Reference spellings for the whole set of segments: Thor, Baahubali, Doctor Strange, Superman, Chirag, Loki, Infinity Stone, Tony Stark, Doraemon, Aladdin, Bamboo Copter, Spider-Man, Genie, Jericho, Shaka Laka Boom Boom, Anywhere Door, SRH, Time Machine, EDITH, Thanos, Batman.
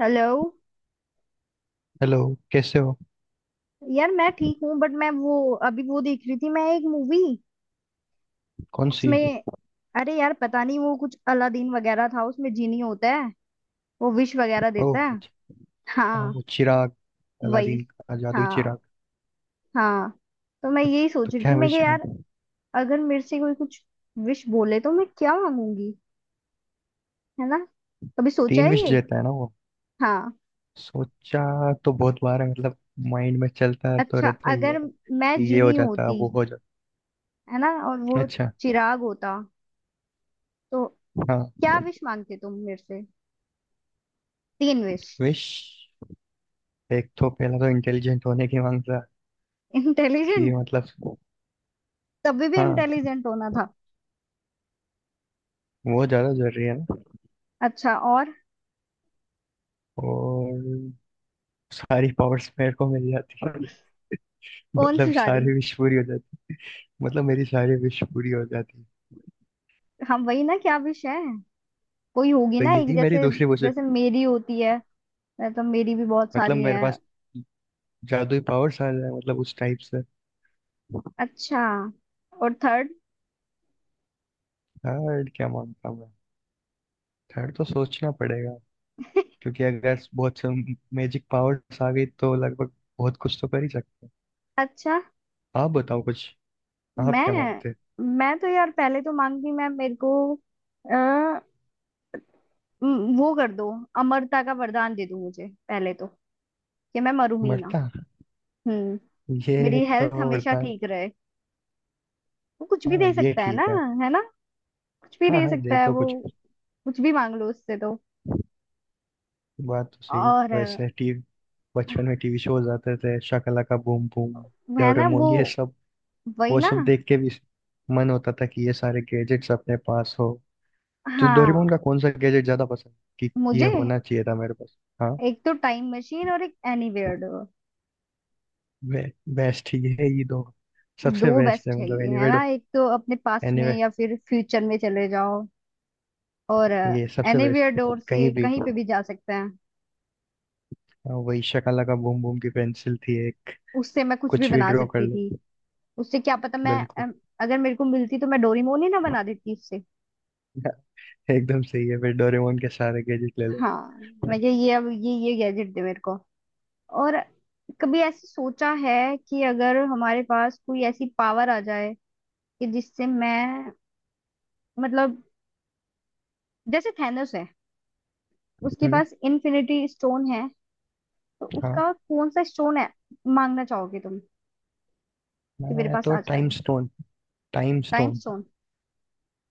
Hello. Hello. कैसे हो? यार मैं ठीक हूँ बट मैं वो अभी वो देख रही थी मैं एक मूवी। कौन सी? उसमें। अरे यार पता नहीं वो कुछ अलादीन वगैरह था उसमें जीनी होता है वो विश वगैरह ओ देता है। अच्छा। हाँ, हाँ। वो चिराग। वही। अलादीन का जादुई हाँ। चिराग। हाँ। तो मैं यही तो सोच रही थी क्या मैं कि विश में? यार अगर मेरे से कोई कुछ विश बोले तो मैं क्या मांगूंगी। है ना। कभी सोचा तीन है विश ये। देता है ना वो। हाँ। सोचा तो बहुत बार है मतलब। माइंड में चलता तो अच्छा रहता ही अगर है। मैं कि ये हो जीनी जाता, होती। वो हो जाता। है ना और वो अच्छा। चिराग होता तो हाँ। क्या विश मांगते तुम मेरे से। तीन विश। विश। एक तो पहला तो इंटेलिजेंट होने की मांगता। कि इंटेलिजेंट। मतलब। तभी भी हाँ। इंटेलिजेंट होना था। वो ज्यादा जरूरी है ना। अच्छा और। और। सारी पावर्स मेरे को मिल जाती। कौन मतलब सी सारी। सारी विश पूरी हो जाती। मतलब मेरी सारी विश पूरी हो जाती। हम वही ना क्या विश है। कोई होगी तो ना एक यही मेरी जैसे। दूसरी विश। जैसे मेरी होती है। मतलब मेरी भी बहुत मतलब सारी मेरे है। पास। जादुई पावर्स आ जाए, मतलब उस टाइप से। अच्छा और थर्ड। थर्ड क्या मानता हूँ मैं? थर्ड तो सोचना पड़ेगा। क्योंकि अगर बहुत से मैजिक पावर्स आ गई तो लगभग बहुत कुछ तो कर ही सकते हैं। अच्छा आप बताओ कुछ। आप क्या मैं मानते हैं? मैं तो यार पहले तो मांगती मैं मेरे को। आ, वो कर दो। अमरता का वरदान दे दो मुझे पहले तो। कि मैं मरूं ही ना। मरता। हम्म। ये मेरी तो हेल्थ हमेशा मरता। ठीक रहे। वो कुछ भी हाँ, दे ये सकता है ना। ठीक है। है ना। कुछ भी हाँ, दे हाँ, दे सकता है तो वो। कुछ। कुछ भी मांग लो उससे तो। बात तो सही है। और वैसे टीवी। बचपन में टीवी शोज आते थे, शाकालाका बूम बूम। मैं ना डोरेमोन वो ये सब। वही वो ना। सब देख के भी मन होता था कि ये सारे गैजेट्स अपने पास हो। तो हाँ डोरेमोन का कौन सा गैजेट ज्यादा पसंद? कि ये मुझे होना चाहिए था मेरे पास, हाँ। एक तो टाइम मशीन और एक एनीवेयर डोर। वे, बेस्ट ये है ये दो। दो सबसे बेस्ट है, बेस्ट है मतलब ये है एनीवे। ना एक तो अपने पास्ट में एनीवे। या फिर फ्यूचर में चले जाओ। और ये सबसे बेस्ट। एनीवेयर डोर कहीं से भी। कहीं पे भी जा सकते हैं। हाँ, वही शकाला का बूम बूम की पेंसिल थी एक। उससे मैं कुछ भी कुछ भी बना ड्रॉ कर सकती थी। लो। उससे क्या पता मैं बिल्कुल। अगर मेरे को मिलती तो मैं डोरीमोन ही ना बना देती उससे। एकदम सही है, फिर डोरेमोन के सारे गैजेट ले लो। हाँ मैं ये अब ये गैजेट दे मेरे को। और कभी ऐसे सोचा है कि अगर हमारे पास कोई ऐसी पावर आ जाए कि जिससे मैं मतलब जैसे थैनोस है उसके हम्म। पास इन्फिनिटी स्टोन है तो हाँ। उसका कौन सा स्टोन है मांगना चाहोगे तुम कि मेरे मैं पास तो आ जाए टाइम वो। Stone. Time time stone. Stone.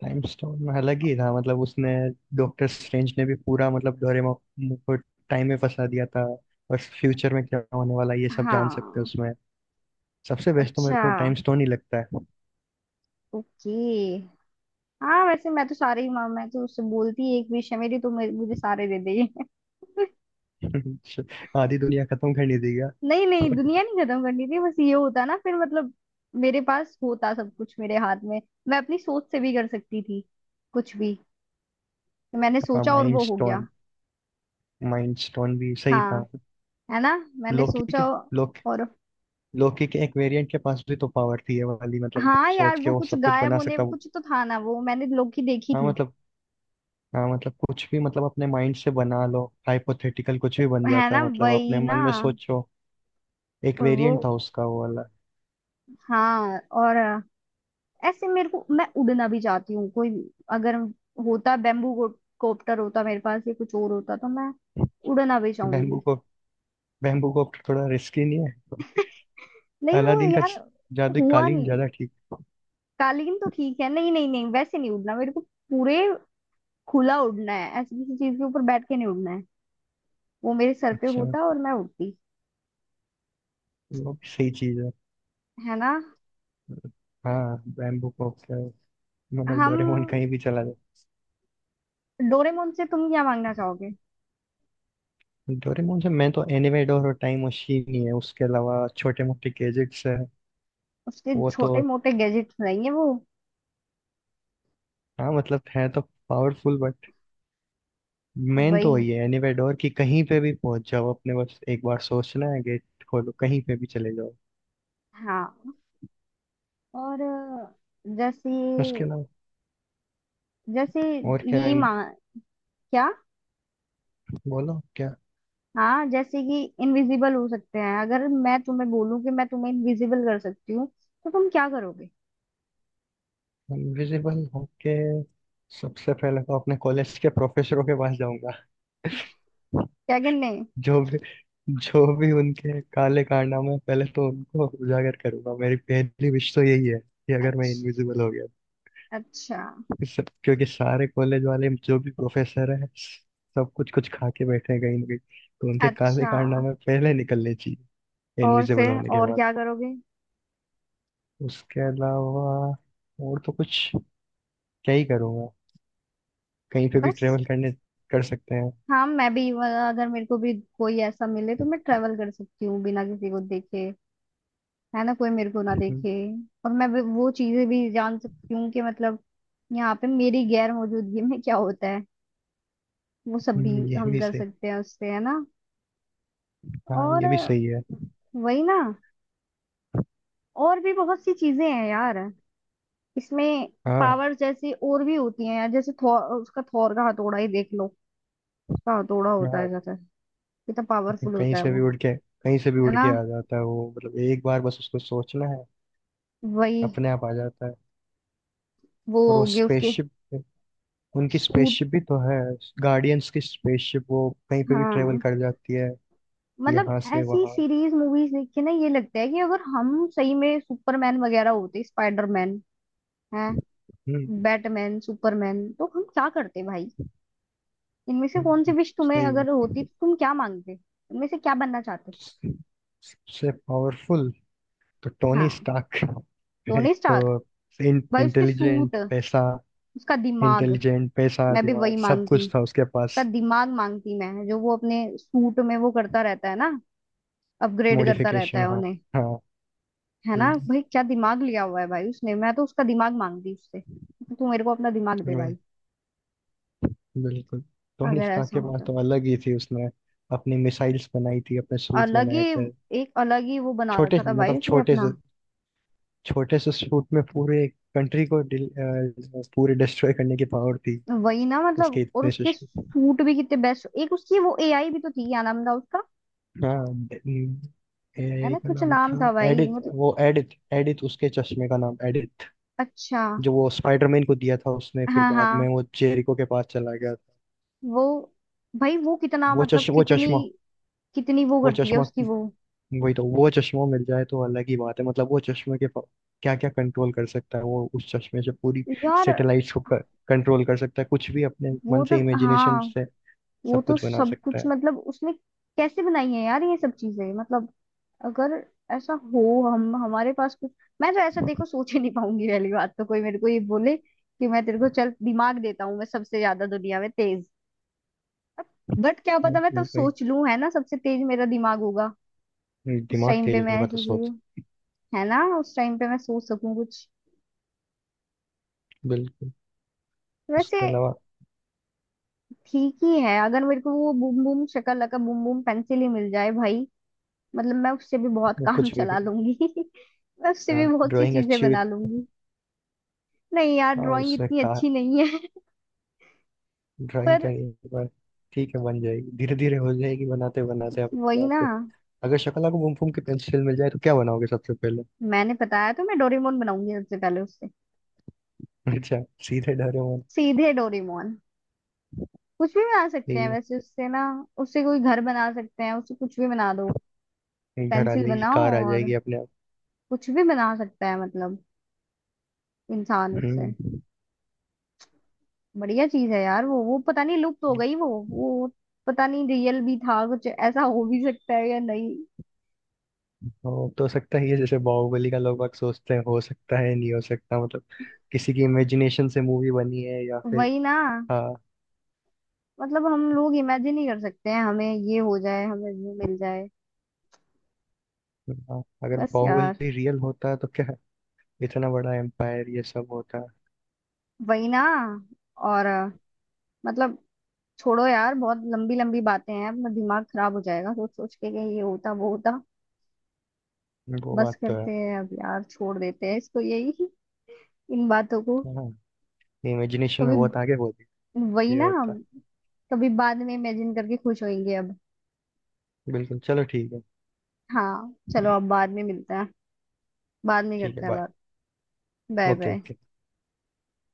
Time stone में अलग ही था, मतलब उसने डॉक्टर स्ट्रेंज ने भी पूरा, मतलब डोरेमोन को टाइम में फंसा दिया था। और फ्यूचर में क्या होने वाला है ये सब जान सकते हैं हाँ। उसमें। सबसे बेस्ट तो मेरे अच्छा। को टाइम स्टोन ही लगता है। ओके। हाँ वैसे मैं तो सारे ही माँ मैं तो उससे बोलती एक विषय मेरी तो मेरे- मुझे सारे दे। दे। आधी दुनिया खत्म करने दी गया। नहीं नहीं दुनिया नहीं खत्म करनी थी बस ये होता ना फिर मतलब मेरे पास होता सब कुछ मेरे हाथ में। मैं अपनी सोच से भी कर सकती थी कुछ भी। तो मैंने हाँ, सोचा और माइंड वो हो गया। स्टोन। माइंड स्टोन भी सही हाँ। था। है ना। मैंने लोकी सोचा के लोक और। लोकी के एक वेरिएंट के पास भी तो पावर थी ये वाली, मतलब हाँ यार सोच के वो वो कुछ सब कुछ गायब बना होने सकता वो। कुछ तो था ना वो मैंने लोकी देखी हाँ, थी। मतलब। हाँ, मतलब कुछ भी, मतलब अपने माइंड से बना लो हाइपोथेटिकल, कुछ भी बन है जाता है, ना मतलब अपने वही ना। मन में सोचो। एक और वो। वेरिएंट था उसका वो वाला। हाँ। और ऐसे मेरे को मैं उड़ना भी चाहती हूँ कोई अगर होता बेम्बू कॉप्टर होता मेरे पास या कुछ और होता तो मैं उड़ना भी बैम्बू चाहूंगी। को बैम्बू कॉप्टर थोड़ा रिस्की नहीं है? नहीं वो अलादीन का यार च- जादू हुआ कालीन नहीं। ज्यादा ठीक। कालीन तो ठीक है नहीं नहीं नहीं वैसे नहीं उड़ना मेरे को पूरे खुला उड़ना है ऐसी किसी चीज के ऊपर बैठ के नहीं उड़ना है। वो मेरे सर पे अच्छा। होता और मैं उड़ती। वो भी सही चीज है। है ना। हाँ, बैम्बू कॉप्टर। मतलब डोरेमोन हम। कहीं भी चला जाए। डोरेमोन से तुम क्या मांगना चाहोगे। डोरेमोन से मैं तो एनिमेडोर और टाइम मशीन ही है, उसके अलावा छोटे मोटे गैजेट्स है। उसके वो छोटे तो। मोटे गैजेट्स रहेंगे वो हाँ, मतलब है तो पावरफुल, बट मेन तो वही। वही है एनिमेडोर, कि कहीं पे भी पहुंच जाओ अपने, बस एक बार सोचना है, गेट खोलो, कहीं पे भी चले जाओ। हाँ और जैसे उसके अलावा जैसे और क्या ये है? मां क्या। बोलो क्या। हाँ जैसे कि इनविजिबल हो सकते हैं अगर मैं तुम्हें बोलूं कि मैं तुम्हें इनविजिबल कर सकती हूँ तो तुम क्या करोगे। इनविजिबल होके सबसे पहले तो अपने कॉलेज के प्रोफेसरों के पास जाऊंगा। क्या गिनने। जो भी जो भी उनके काले कारनामे हैं, पहले तो उनको उजागर करूंगा। मेरी पहली विश तो यही है कि अगर मैं अच्छा। इनविजिबल हो गया अच्छा। क्योंकि सारे कॉलेज वाले जो भी प्रोफेसर हैं, सब कुछ कुछ खा के बैठे हैं कहीं ना कहीं। तो उनके काले अच्छा कारनामे पहले निकलने चाहिए और इनविजिबल फिर होने के और बाद। क्या करोगे। उसके अलावा और तो कुछ क्या ही करूंगा। कहीं पे भी बस। ट्रेवल करने कर सकते हैं। हाँ मैं भी अगर मेरे को भी कोई ऐसा मिले तो मैं ट्रेवल कर सकती हूँ बिना किसी को देखे। है ना कोई मेरे को ना देखे। और मैं भी- वो चीजें भी जान सकती हूँ कि मतलब यहाँ पे मेरी गैर मौजूदगी में क्या होता है वो सब भी ये हम भी कर सही। सकते हैं उससे है ना। हाँ, और ये भी सही है। वही ना और भी बहुत सी चीजें हैं यार इसमें। हाँ, पावर जैसी और भी होती है यार जैसे थॉर उसका थॉर का हथौड़ा ही देख लो। उसका हथौड़ा होता हाँ। है जैसे कितना पावरफुल कहीं होता है से भी वो। उड़ के कहीं से भी है उड़ ना के आ जाता है वो, मतलब एक बार बस उसको सोचना है, वही अपने आप आ जाता है। वो और वो हो गए उसके स्पेसशिप, उनकी स्पेसशिप सूट। भी तो है, गार्डियंस की स्पेसशिप वो कहीं पे भी ट्रेवल हाँ कर जाती है मतलब यहाँ से ऐसी वहाँ। सीरीज मूवीज देख के ना ये लगता है कि अगर हम सही में सुपरमैन वगैरह होते स्पाइडरमैन है हम्म। बैटमैन सुपरमैन तो हम क्या करते भाई। इनमें से कौन सी हम्म, विश तुम्हें सही अगर बात। होती तो तुम क्या मांगते इनमें से क्या बनना चाहते। सबसे पावरफुल तो टोनी हाँ स्टार्क। एक टोनी तो स्टार्क भाई उसके इंटेलिजेंट, सूट पैसा। उसका दिमाग। इंटेलिजेंट, पैसा, मैं भी दिमाग वही सब मांगती। कुछ था उसके पास। उसका दिमाग मांगती मैं जो वो अपने सूट में वो करता रहता है ना अपग्रेड करता रहता मॉडिफिकेशन, है हाँ। उन्हें। हाँ। है ना बिल्कुल। भाई क्या दिमाग लिया हुआ है भाई उसने मैं तो उसका दिमाग मांगती उससे। तू मेरे को अपना दिमाग दे भाई। वही। बिल्कुल। टोनी अगर स्टार्क ऐसा के पास होता तो अलग ही थी, उसने अपनी मिसाइल्स बनाई थी, अपने सूट अलग ही बनाए थे। एक अलग ही वो बना छोटे रखा था भाई मतलब उसने छोटे अपना। से छोटे से सूट में पूरे एक कंट्री को पूरे डिस्ट्रॉय करने की पावर थी। वही ना उसके मतलब और इतने से उसके suit। सूट भी कितने बेस्ट एक उसकी वो एआई भी तो थी क्या नाम था उसका। हाँ। ड- है ना का कुछ नाम था नाम था भाई एडिथ। मतलब। वो एडिथ, एडिथ, उसके चश्मे का नाम एडिथ, अच्छा। जो वो स्पाइडरमैन को दिया था उसने, फिर हाँ बाद में हाँ वो जेरिको के पास चला गया था। वो। भाई वो कितना वो मतलब चश्मा, वो कितनी चश्मा, कितनी वो वो करती है चश्मा। उसकी वो। वही तो, वो चश्मा मिल जाए तो अलग ही बात है, मतलब वो चश्मे के क्या क्या कंट्रोल कर सकता है वो, उस चश्मे से पूरी यार सैटेलाइट्स को कंट्रोल कर सकता है, कुछ भी अपने वो मन तो। से, इमेजिनेशन हाँ से वो सब तो कुछ बना सब सकता कुछ है। मतलब उसने कैसे बनाई है यार ये सब चीजें मतलब अगर ऐसा हो हम हमारे पास कुछ। मैं तो ऐसा देखो सोच ही नहीं पाऊंगी पहली बात तो कोई मेरे को ये बोले कि मैं तेरे को चल दिमाग देता हूँ मैं सबसे ज्यादा दुनिया में तेज। बट क्या पता मैं तब भाई। सोच लूं है ना सबसे तेज मेरा दिमाग होगा। उस दिमाग टाइम पे तेज मैं होगा तो ऐसी सोच। चीज। है ना उस टाइम पे मैं सोच सकूं कुछ। बिल्कुल। वैसे इसके अलावा ठीक ही है अगर मेरे को वो boom boom Shakalaka boom boom pencil ही मिल जाए भाई। मतलब मैं उससे भी बहुत वो काम कुछ भी चला लूंगी मैं उससे भी बहुत सी ड्राइंग चीजें अच्छी हुई बना तो- लूंगी। नहीं यार हाँ, ड्राइंग उसने इतनी कहा अच्छी नहीं है। ड्राइंग तो पर नहीं पर ठीक है, बन जाएगी धीरे धीरे, हो जाएगी बनाते बनाते अपने वही आप ना। पे। अगर शक्ल आपको घूम घूम के पेंसिल मिल जाए तो क्या बनाओगे सबसे पहले? मैंने बताया तो मैं डोरेमोन बनाऊंगी सबसे पहले उससे। अच्छा। सीधे डरे। सीधे डोरेमोन। कुछ भी बना सकते हैं वैसे उससे ना। उससे कोई घर बना सकते हैं उससे कुछ भी बना दो घर आ पेंसिल जाएगी, बनाओ कार आ और जाएगी अपने आप। कुछ भी बना सकता है मतलब इंसान उससे। हम्म। बढ़िया चीज है यार वो पता नहीं लुप्त हो गई वो पता नहीं रियल भी था कुछ ऐसा हो भी सकता है या नहीं। हो तो सकता ही है, जैसे बाहुबली का लोग बाग सोचते हैं हो सकता है, नहीं हो सकता, मतलब किसी की इमेजिनेशन से मूवी बनी है या फिर। वही ना हाँ। मतलब हम लोग इमेजिन ही कर सकते हैं हमें ये हो जाए हमें वो मिल जाए। हाँ, अगर बस यार। बाहुबली रियल होता तो क्या इतना बड़ा एम्पायर ये सब होता। वही ना। और मतलब छोड़ो यार बहुत लंबी लंबी बातें हैं अपना दिमाग खराब हो जाएगा सोच सोच के कि ये होता वो होता। वो बस बात तो है। करते हैं अब यार छोड़ देते हैं इसको यही इन बातों को। हाँ। इमेजिनेशन में कभी बहुत आगे होती, वही ये ना हम होता। कभी बाद में इमेजिन करके खुश होंगे अब। बिल्कुल, चलो ठीक है। हाँ चलो अब बाद में मिलते हैं। बाद में ठीक है, करते हैं बाय। बात। Bye okay, bye. ओके।